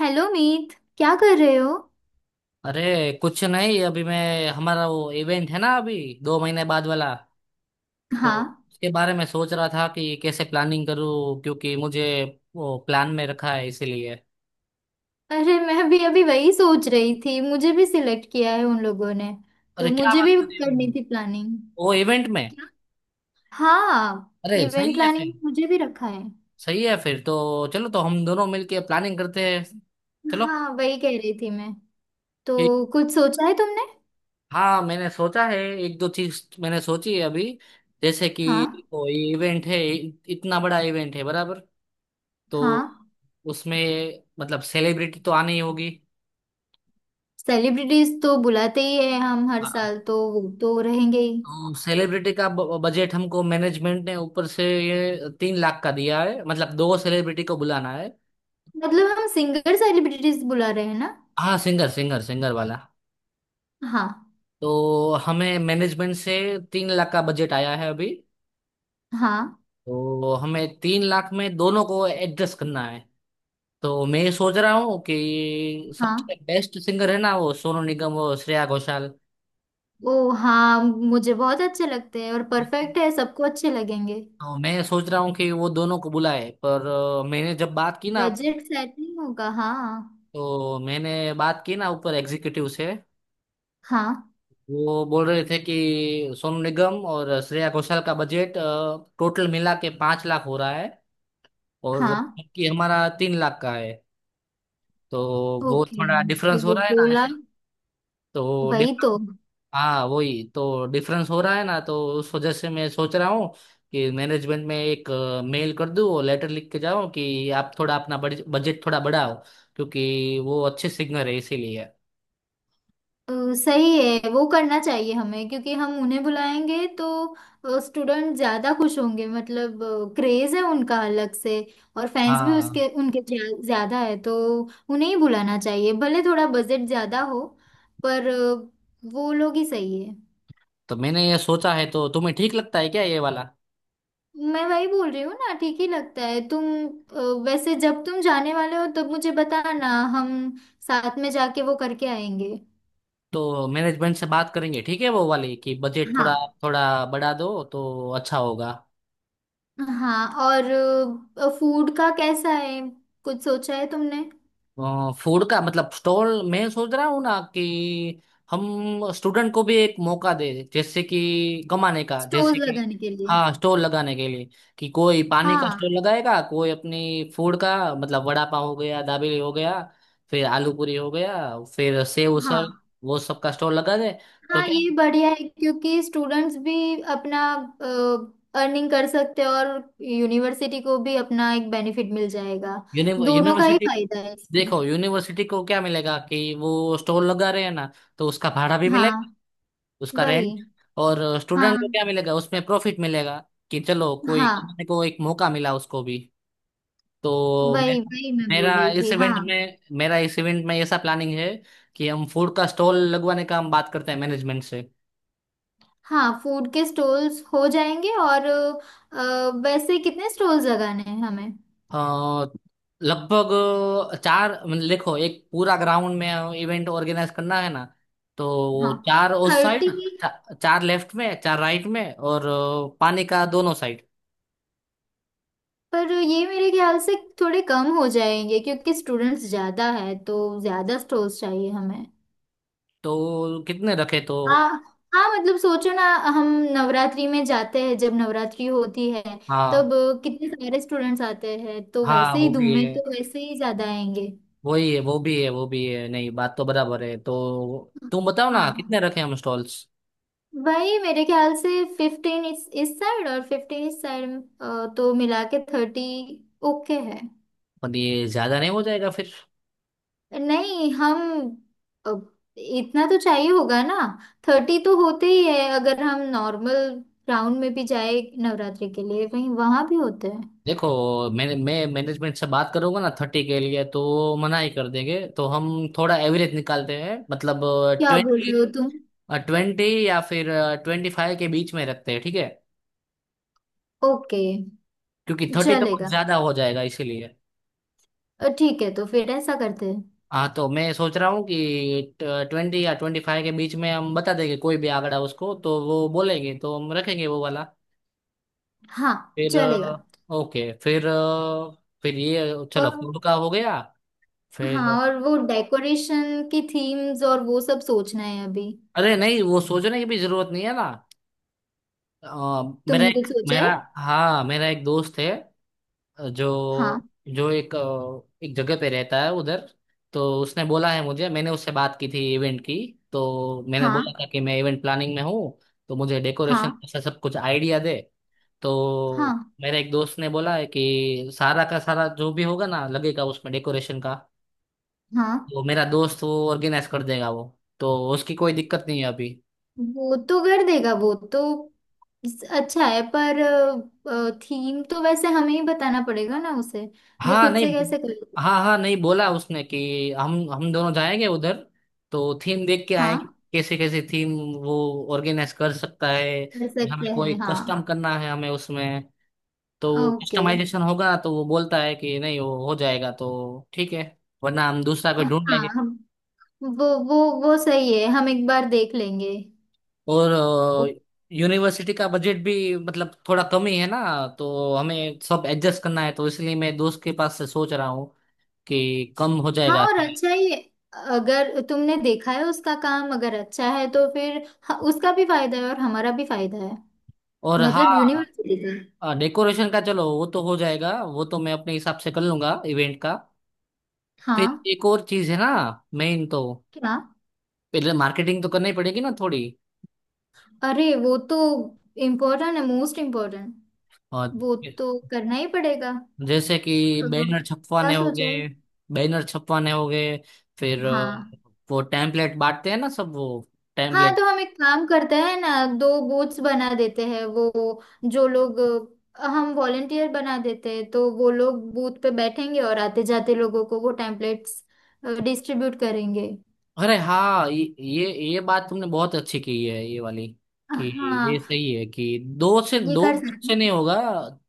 Hello Meet. क्या कर रहे हो। अरे, कुछ नहीं। अभी मैं हमारा वो इवेंट है ना, अभी 2 महीने बाद वाला। तो हाँ, उसके बारे में सोच रहा था कि कैसे प्लानिंग करूँ, क्योंकि मुझे वो प्लान में रखा है इसीलिए। अरे मैं भी अभी वही सोच रही थी, मुझे भी सिलेक्ट किया है उन लोगों ने। अरे तो क्या मुझे बात भी कर रही हो? करनी थी प्लानिंग। वो इवेंट में? हाँ, अरे इवेंट सही है फिर। प्लानिंग मुझे भी रखा है। सही है फिर तो चलो। तो हम दोनों मिलके प्लानिंग करते हैं। चलो। हाँ वही कह रही थी मैं। ठीक। तो कुछ सोचा है तुमने। हाँ मैंने सोचा है, एक दो चीज मैंने सोची है अभी। जैसे हाँ। कि वो इवेंट है, इतना बड़ा इवेंट है बराबर। तो हाँ, उसमें मतलब सेलिब्रिटी तो आनी ही होगी। सेलिब्रिटीज तो बुलाते ही है हम हर हाँ। साल, तो वो तो रहेंगे ही। तो सेलिब्रिटी का बजट हमको मैनेजमेंट ने ऊपर से ये 3 लाख का दिया है, मतलब दो सेलिब्रिटी को बुलाना है। मतलब हम सिंगर सेलिब्रिटीज बुला रहे हैं ना। हाँ, सिंगर सिंगर सिंगर वाला। हाँ। तो हमें मैनेजमेंट से 3 लाख का बजट आया है अभी। हाँ। तो हमें 3 लाख में दोनों को एडजस्ट करना है। तो मैं सोच रहा हूँ कि सबसे हाँ। बेस्ट सिंगर है ना, वो सोनू निगम और श्रेया घोषाल। ओ हाँ, मुझे बहुत अच्छे लगते हैं और परफेक्ट है, सबको अच्छे लगेंगे। तो मैं सोच रहा हूँ कि वो दोनों को बुलाए, पर मैंने जब बात की ना। बजट सेटिंग होगा। हाँ। तो मैंने बात की ना ऊपर एग्जीक्यूटिव से। हाँ। वो बोल रहे थे कि सोनू निगम और श्रेया घोषाल का बजट टोटल मिला के 5 लाख हो रहा है, और हाँ। कि हमारा 3 लाख का है। तो वो ओके, थोड़ा डिफरेंस हो तो रहा है ना दो ऐसे। लाख तो वही तो। डिफरेंस हाँ वही तो डिफरेंस हो रहा है ना, तो उस वजह से मैं सोच रहा हूँ कि मैनेजमेंट में एक मेल कर दूँ और लेटर लिख के जाऊँ कि आप थोड़ा अपना बजट थोड़ा बढ़ाओ, क्योंकि वो अच्छे सिंगर है इसीलिए। सही है, वो करना चाहिए हमें, क्योंकि हम उन्हें बुलाएंगे तो स्टूडेंट ज्यादा खुश होंगे। मतलब क्रेज है उनका अलग से, और फैंस भी हाँ उसके उनके ज्यादा है तो उन्हें ही बुलाना चाहिए, भले थोड़ा बजट ज्यादा हो। पर वो लोग ही सही है। तो मैंने ये सोचा है, तो तुम्हें ठीक लगता है क्या ये वाला? मैं वही बोल रही हूँ ना, ठीक ही लगता है तुम। अ, वैसे जब तुम जाने वाले हो तब मुझे बताना। हम साथ में जाके वो करके आएंगे। तो मैनेजमेंट से बात करेंगे, ठीक है, वो वाली कि बजट हाँ। थोड़ा थोड़ा बढ़ा दो तो अच्छा होगा। हाँ, और फूड का कैसा है। कुछ सोचा है तुमने। फूड का मतलब स्टॉल मैं सोच रहा हूँ ना, कि हम स्टूडेंट को भी एक मौका दे जैसे कि कमाने का, जैसे स्टोर्स कि। लगाने के लिए। हाँ, स्टॉल लगाने के लिए। कि कोई पानी का हाँ। स्टॉल लगाएगा, कोई अपनी फूड का मतलब वड़ा पाव हो गया, दाबेली हो गया, फिर आलू पूरी हो गया, फिर सेव हाँ। उसल, वो सब का स्टॉल लगा दे। तो हाँ, क्या। ये बढ़िया है क्योंकि स्टूडेंट्स भी अपना अर्निंग कर सकते हैं और यूनिवर्सिटी को भी अपना एक बेनिफिट मिल जाएगा। दोनों का ही यूनिवर्सिटी। फायदा है इसमें। देखो यूनिवर्सिटी को क्या मिलेगा, कि वो स्टॉल लगा रहे हैं ना, तो उसका भाड़ा भी मिलेगा, हाँ। उसका वही। रेंट। और स्टूडेंट हाँ। को क्या मिलेगा? उसमें प्रॉफिट मिलेगा, कि चलो कोई हाँ, कमाने को एक मौका मिला उसको भी। तो वही मेरा वही मैं बोल मेरा रही इस थी। हाँ। इवेंट में मेरा इस इवेंट में ऐसा प्लानिंग है, कि हम फूड का स्टॉल लगवाने का हम बात करते हैं मैनेजमेंट से। हाँ, फूड के स्टॉल्स हो जाएंगे। और वैसे कितने स्टॉल्स लगाने हैं हमें। अ, लगभग चार, मतलब देखो, एक पूरा ग्राउंड में इवेंट ऑर्गेनाइज करना है ना, तो हाँ। चार उस साइड, 30। चार लेफ्ट में, चार राइट में, और पानी का दोनों साइड। पर ये मेरे ख्याल से थोड़े कम हो जाएंगे क्योंकि स्टूडेंट्स ज्यादा है तो ज्यादा स्टॉल्स चाहिए हमें। तो कितने रखे तो? हाँ। हाँ मतलब सोचो ना। हम नवरात्रि में जाते हैं, जब नवरात्रि होती है हाँ। तब कितने सारे स्टूडेंट्स आते हैं, तो हाँ। वैसे ही वो धूम भी में है, तो वैसे ही ज्यादा आएंगे। वही है, वो भी है, वो भी है। नहीं, बात तो बराबर है, तो तुम बताओ ना हाँ। कितने रखे हम स्टॉल्स? वही, मेरे ख्याल से 15 इस साइड और 15 इस साइड, तो मिला के 30। ओके है। पर ये ज्यादा नहीं हो जाएगा फिर? नहीं हम अ, इतना तो चाहिए होगा ना। 30 तो होते ही है अगर हम नॉर्मल राउंड में भी जाए, नवरात्रि के लिए वहीं वहां भी होते हैं। देखो, मैं मैनेजमेंट से बात करूंगा ना 30 के लिए, तो वो मना ही कर देंगे, तो हम थोड़ा एवरेज निकालते हैं, मतलब क्या बोल ट्वेंटी रहे हो तुम। ट्वेंटी या फिर 25 के बीच में रखते हैं, ठीक है। ओके। क्योंकि 30 तो बहुत चलेगा। ज्यादा हो जाएगा इसीलिए। ठीक है, तो फिर ऐसा करते हैं। हाँ तो मैं सोच रहा हूँ कि 20 या 25 के बीच में हम बता देंगे। कोई भी आंकड़ा उसको तो वो बोलेंगे तो हम रखेंगे वो वाला। हाँ। फिर चलेगा। ओके। फिर ये चलो, और फूड का हो गया। फिर। हाँ, और वो डेकोरेशन की थीम्स और वो सब सोचना है अभी। अरे नहीं, वो सोचने की भी जरूरत नहीं है ना। अ, मेरा तुमने एक कुछ सोचा मेरा है। हाँ, मेरा एक दोस्त है। अ, हाँ। जो जो एक एक जगह पे रहता है उधर। तो उसने बोला है मुझे, मैंने उससे बात की थी इवेंट की। तो मैंने हाँ। बोला था कि मैं इवेंट प्लानिंग में हूँ, तो मुझे डेकोरेशन हाँ। से सब कुछ आइडिया दे। तो हाँ। मेरे एक दोस्त ने बोला है कि सारा का सारा जो भी होगा ना लगेगा उसमें डेकोरेशन का, हाँ, तो मेरा दोस्त वो ऑर्गेनाइज कर देगा वो। तो उसकी कोई दिक्कत नहीं है अभी। वो तो कर देगा वो तो। अच्छा है, पर थीम तो वैसे हमें ही बताना पड़ेगा ना उसे। वो हाँ खुद नहीं। से कैसे कर। हाँ हाँ, नहीं, बोला उसने कि हम दोनों जाएंगे उधर, तो थीम देख के आएंगे हाँ। कैसे कैसे थीम वो ऑर्गेनाइज कर सकता है, कर कि हमें सकते कोई हैं हाँ। कस्टम करना है हमें उसमें। तो ओके। कस्टमाइजेशन होगा, तो वो बोलता है कि नहीं वो हो जाएगा तो ठीक है। वरना हम दूसरा कोई ढूंढ लेंगे। हाँ। हम वो वो सही है, हम एक बार देख लेंगे। ओ- और यूनिवर्सिटी का बजट भी मतलब थोड़ा कम ही है ना, तो हमें सब एडजस्ट करना है, तो इसलिए मैं दोस्त के पास से सोच रहा हूँ कि कम हो हाँ, जाएगा। और अच्छा ही है, अगर तुमने देखा है उसका काम अगर अच्छा है तो फिर उसका भी फायदा है और हमारा भी फायदा है। और मतलब हाँ, यूनिवर्सिटी का। डेकोरेशन का चलो वो तो हो जाएगा, वो तो मैं अपने हिसाब से कर लूंगा इवेंट का। फिर हाँ। एक और चीज है ना, मेन तो क्या। पहले मार्केटिंग तो करनी पड़ेगी ना थोड़ी। अरे, वो तो इम्पोर्टेंट है, मोस्ट इम्पोर्टेंट। और वो तो करना ही पड़ेगा। जैसे कि बैनर क्या छपवाने हो सोचा है। गए बैनर छपवाने हो गए फिर हाँ। वो टेम्पलेट बांटते हैं ना सब, वो हाँ, टेम्पलेट। तो हम एक काम करते हैं ना, दो बोट्स बना देते हैं, वो जो लोग हम वॉलेंटियर बना देते हैं, तो वो लोग बूथ पे बैठेंगे और आते जाते लोगों को वो टेम्पलेट्स डिस्ट्रीब्यूट करेंगे। अरे हाँ, ये ये बात तुमने बहुत अच्छी की है, ये वाली। कि ये हाँ। सही है, कि दो से ये दो कर सकते से नहीं हैं। होगा,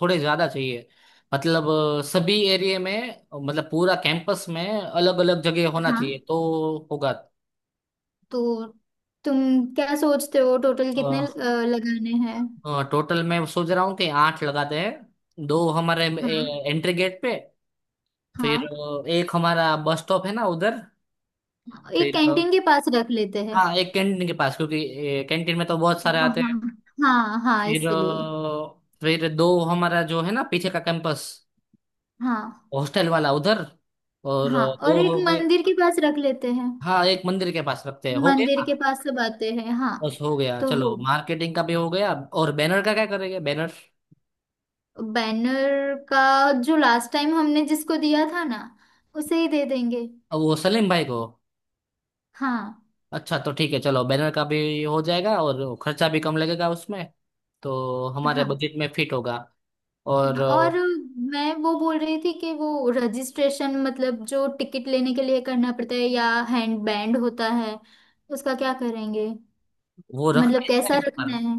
थोड़े ज्यादा चाहिए, मतलब सभी एरिया में, मतलब पूरा कैंपस में अलग अलग जगह होना हाँ चाहिए तो होगा। तो तुम क्या सोचते हो टोटल अ, कितने लगाने हैं। टोटल मैं सोच रहा हूँ कि आठ लगाते हैं, दो हमारे हाँ। एंट्री गेट पे। फिर हाँ, एक हमारा बस स्टॉप है ना उधर। एक फिर कैंटीन के पास रख लेते हैं। हाँ, एक कैंटीन के पास, क्योंकि कैंटीन में तो बहुत सारे आते वहाँ। हैं। हाँ हाँ फिर इसलिए। अ, फिर दो हमारा जो है ना पीछे का कैंपस, हाँ। हॉस्टल वाला उधर। और हाँ, और दो एक हो गए। मंदिर के पास रख लेते हैं। हाँ, एक मंदिर के पास रखते हैं, हो मंदिर गया। के पास सब आते हैं हाँ। बस हो गया, तो चलो वो मार्केटिंग का भी हो गया। और बैनर का क्या करेंगे? बैनर बैनर का जो लास्ट टाइम हमने जिसको दिया था ना, उसे ही दे देंगे। अब वो सलीम भाई को। हाँ। अच्छा तो ठीक है, चलो बैनर का भी हो जाएगा और खर्चा भी कम लगेगा उसमें, तो हमारे हाँ। बजट में फिट होगा। और हाँ, और मैं वो बोल रही थी कि वो रजिस्ट्रेशन, मतलब जो टिकट लेने के लिए करना पड़ता है या हैंड बैंड होता है, उसका क्या करेंगे। वो रखना मतलब है क्या कैसा इस पर? रखना है।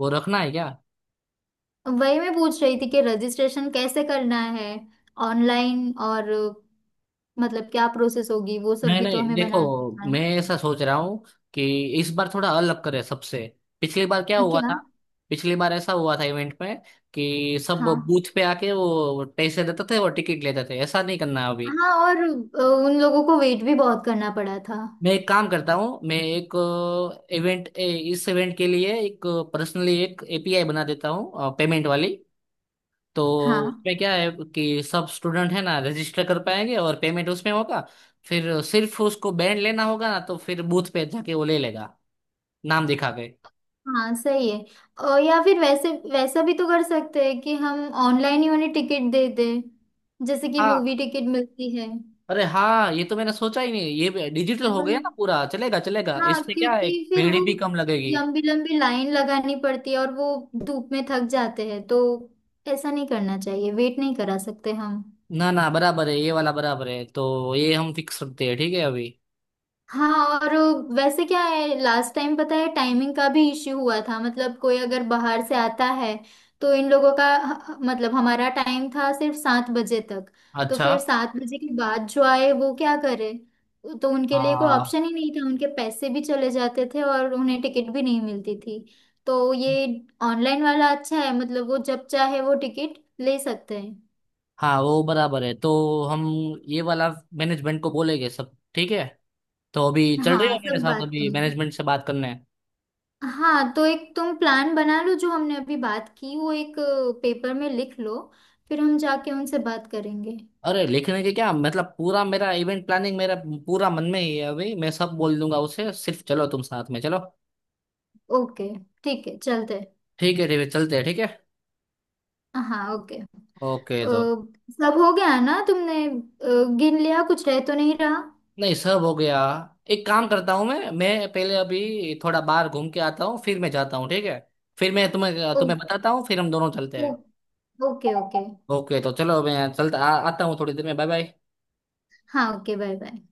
वो रखना है क्या? वही मैं पूछ रही थी कि रजिस्ट्रेशन कैसे करना है, ऑनलाइन, और मतलब क्या प्रोसेस होगी, वो सब नहीं भी तो नहीं, हमें देखो, बनाना। मैं ऐसा सोच रहा हूँ कि इस बार थोड़ा अलग करें सबसे। पिछली बार क्या था हुआ क्या। था? पिछली बार ऐसा हुआ था इवेंट में कि सब हाँ। बूथ पे आके वो पैसे देते थे और टिकट लेते थे, ऐसा नहीं करना अभी। हाँ, और उन लोगों को वेट भी बहुत करना पड़ा था। मैं एक काम करता हूँ, मैं एक इवेंट इस इवेंट के लिए एक पर्सनली एक एपीआई बना देता हूँ पेमेंट वाली। तो हाँ। उसमें क्या है, कि सब स्टूडेंट है ना रजिस्टर कर पाएंगे और पेमेंट उसमें होगा। फिर सिर्फ उसको बैंड लेना होगा ना, तो फिर बूथ पे जाके वो ले लेगा, नाम दिखा के। हाँ सही है। और या फिर वैसे वैसा भी तो कर सकते हैं कि हम ऑनलाइन ही उन्हें टिकट दे दें, जैसे कि हाँ। मूवी टिकट मिलती है। अरे हाँ, ये तो मैंने सोचा ही नहीं। ये डिजिटल हो वही। गया ना, पूरा चलेगा, चलेगा। हाँ, इससे क्या क्योंकि है, फिर वो भीड़ भी कम लगेगी। लंबी लंबी लाइन लगानी पड़ती है और वो धूप में थक जाते हैं, तो ऐसा नहीं करना चाहिए, वेट नहीं करा सकते हम। ना ना, बराबर है ये वाला, बराबर है, तो ये हम फिक्स रखते हैं, ठीक है अभी। हाँ, और वैसे क्या है, लास्ट टाइम पता है टाइमिंग का भी इश्यू हुआ था, मतलब कोई अगर बाहर से आता है तो इन लोगों का मतलब हमारा टाइम था सिर्फ 7 बजे तक। तो अच्छा। फिर 7 बजे के बाद जो आए वो क्या करे। तो उनके लिए कोई हाँ। ऑप्शन ही नहीं था, उनके पैसे भी चले जाते थे और उन्हें टिकट भी नहीं मिलती थी। तो ये ऑनलाइन वाला अच्छा है, मतलब वो जब चाहे वो टिकट ले सकते हैं। हाँ वो बराबर है, तो हम ये वाला मैनेजमेंट को बोलेंगे, सब ठीक है। तो अभी चल रही हो हाँ मेरे सब साथ बात अभी करेंगे। मैनेजमेंट से बात करने? हाँ, तो एक तुम प्लान बना लो, जो हमने अभी बात की वो एक पेपर में लिख लो, फिर हम जाके उनसे बात करेंगे। अरे लिखने के क्या मतलब? पूरा मेरा इवेंट प्लानिंग मेरा पूरा मन में ही है अभी, मैं सब बोल दूंगा उसे। सिर्फ चलो, तुम साथ में चलो। ओके, ठीक है चलते हैं। ठीक है, ठीक है, चलते हैं, ठीक है। हाँ ओके। ओके तो। सब हो गया ना तुमने। गिन लिया, कुछ रह तो नहीं रहा। नहीं, सब हो गया। एक काम करता हूँ, मैं पहले अभी थोड़ा बाहर घूम के आता हूँ, फिर मैं जाता हूँ, ठीक है। फिर मैं तुम्हें ओ, तुम्हें बताता हूँ, फिर हम दोनों चलते ओ, हैं। Okay okay. ओके तो चलो, मैं आता हूँ थोड़ी देर में। Bye bye. हाँ ओके, बाय बाय।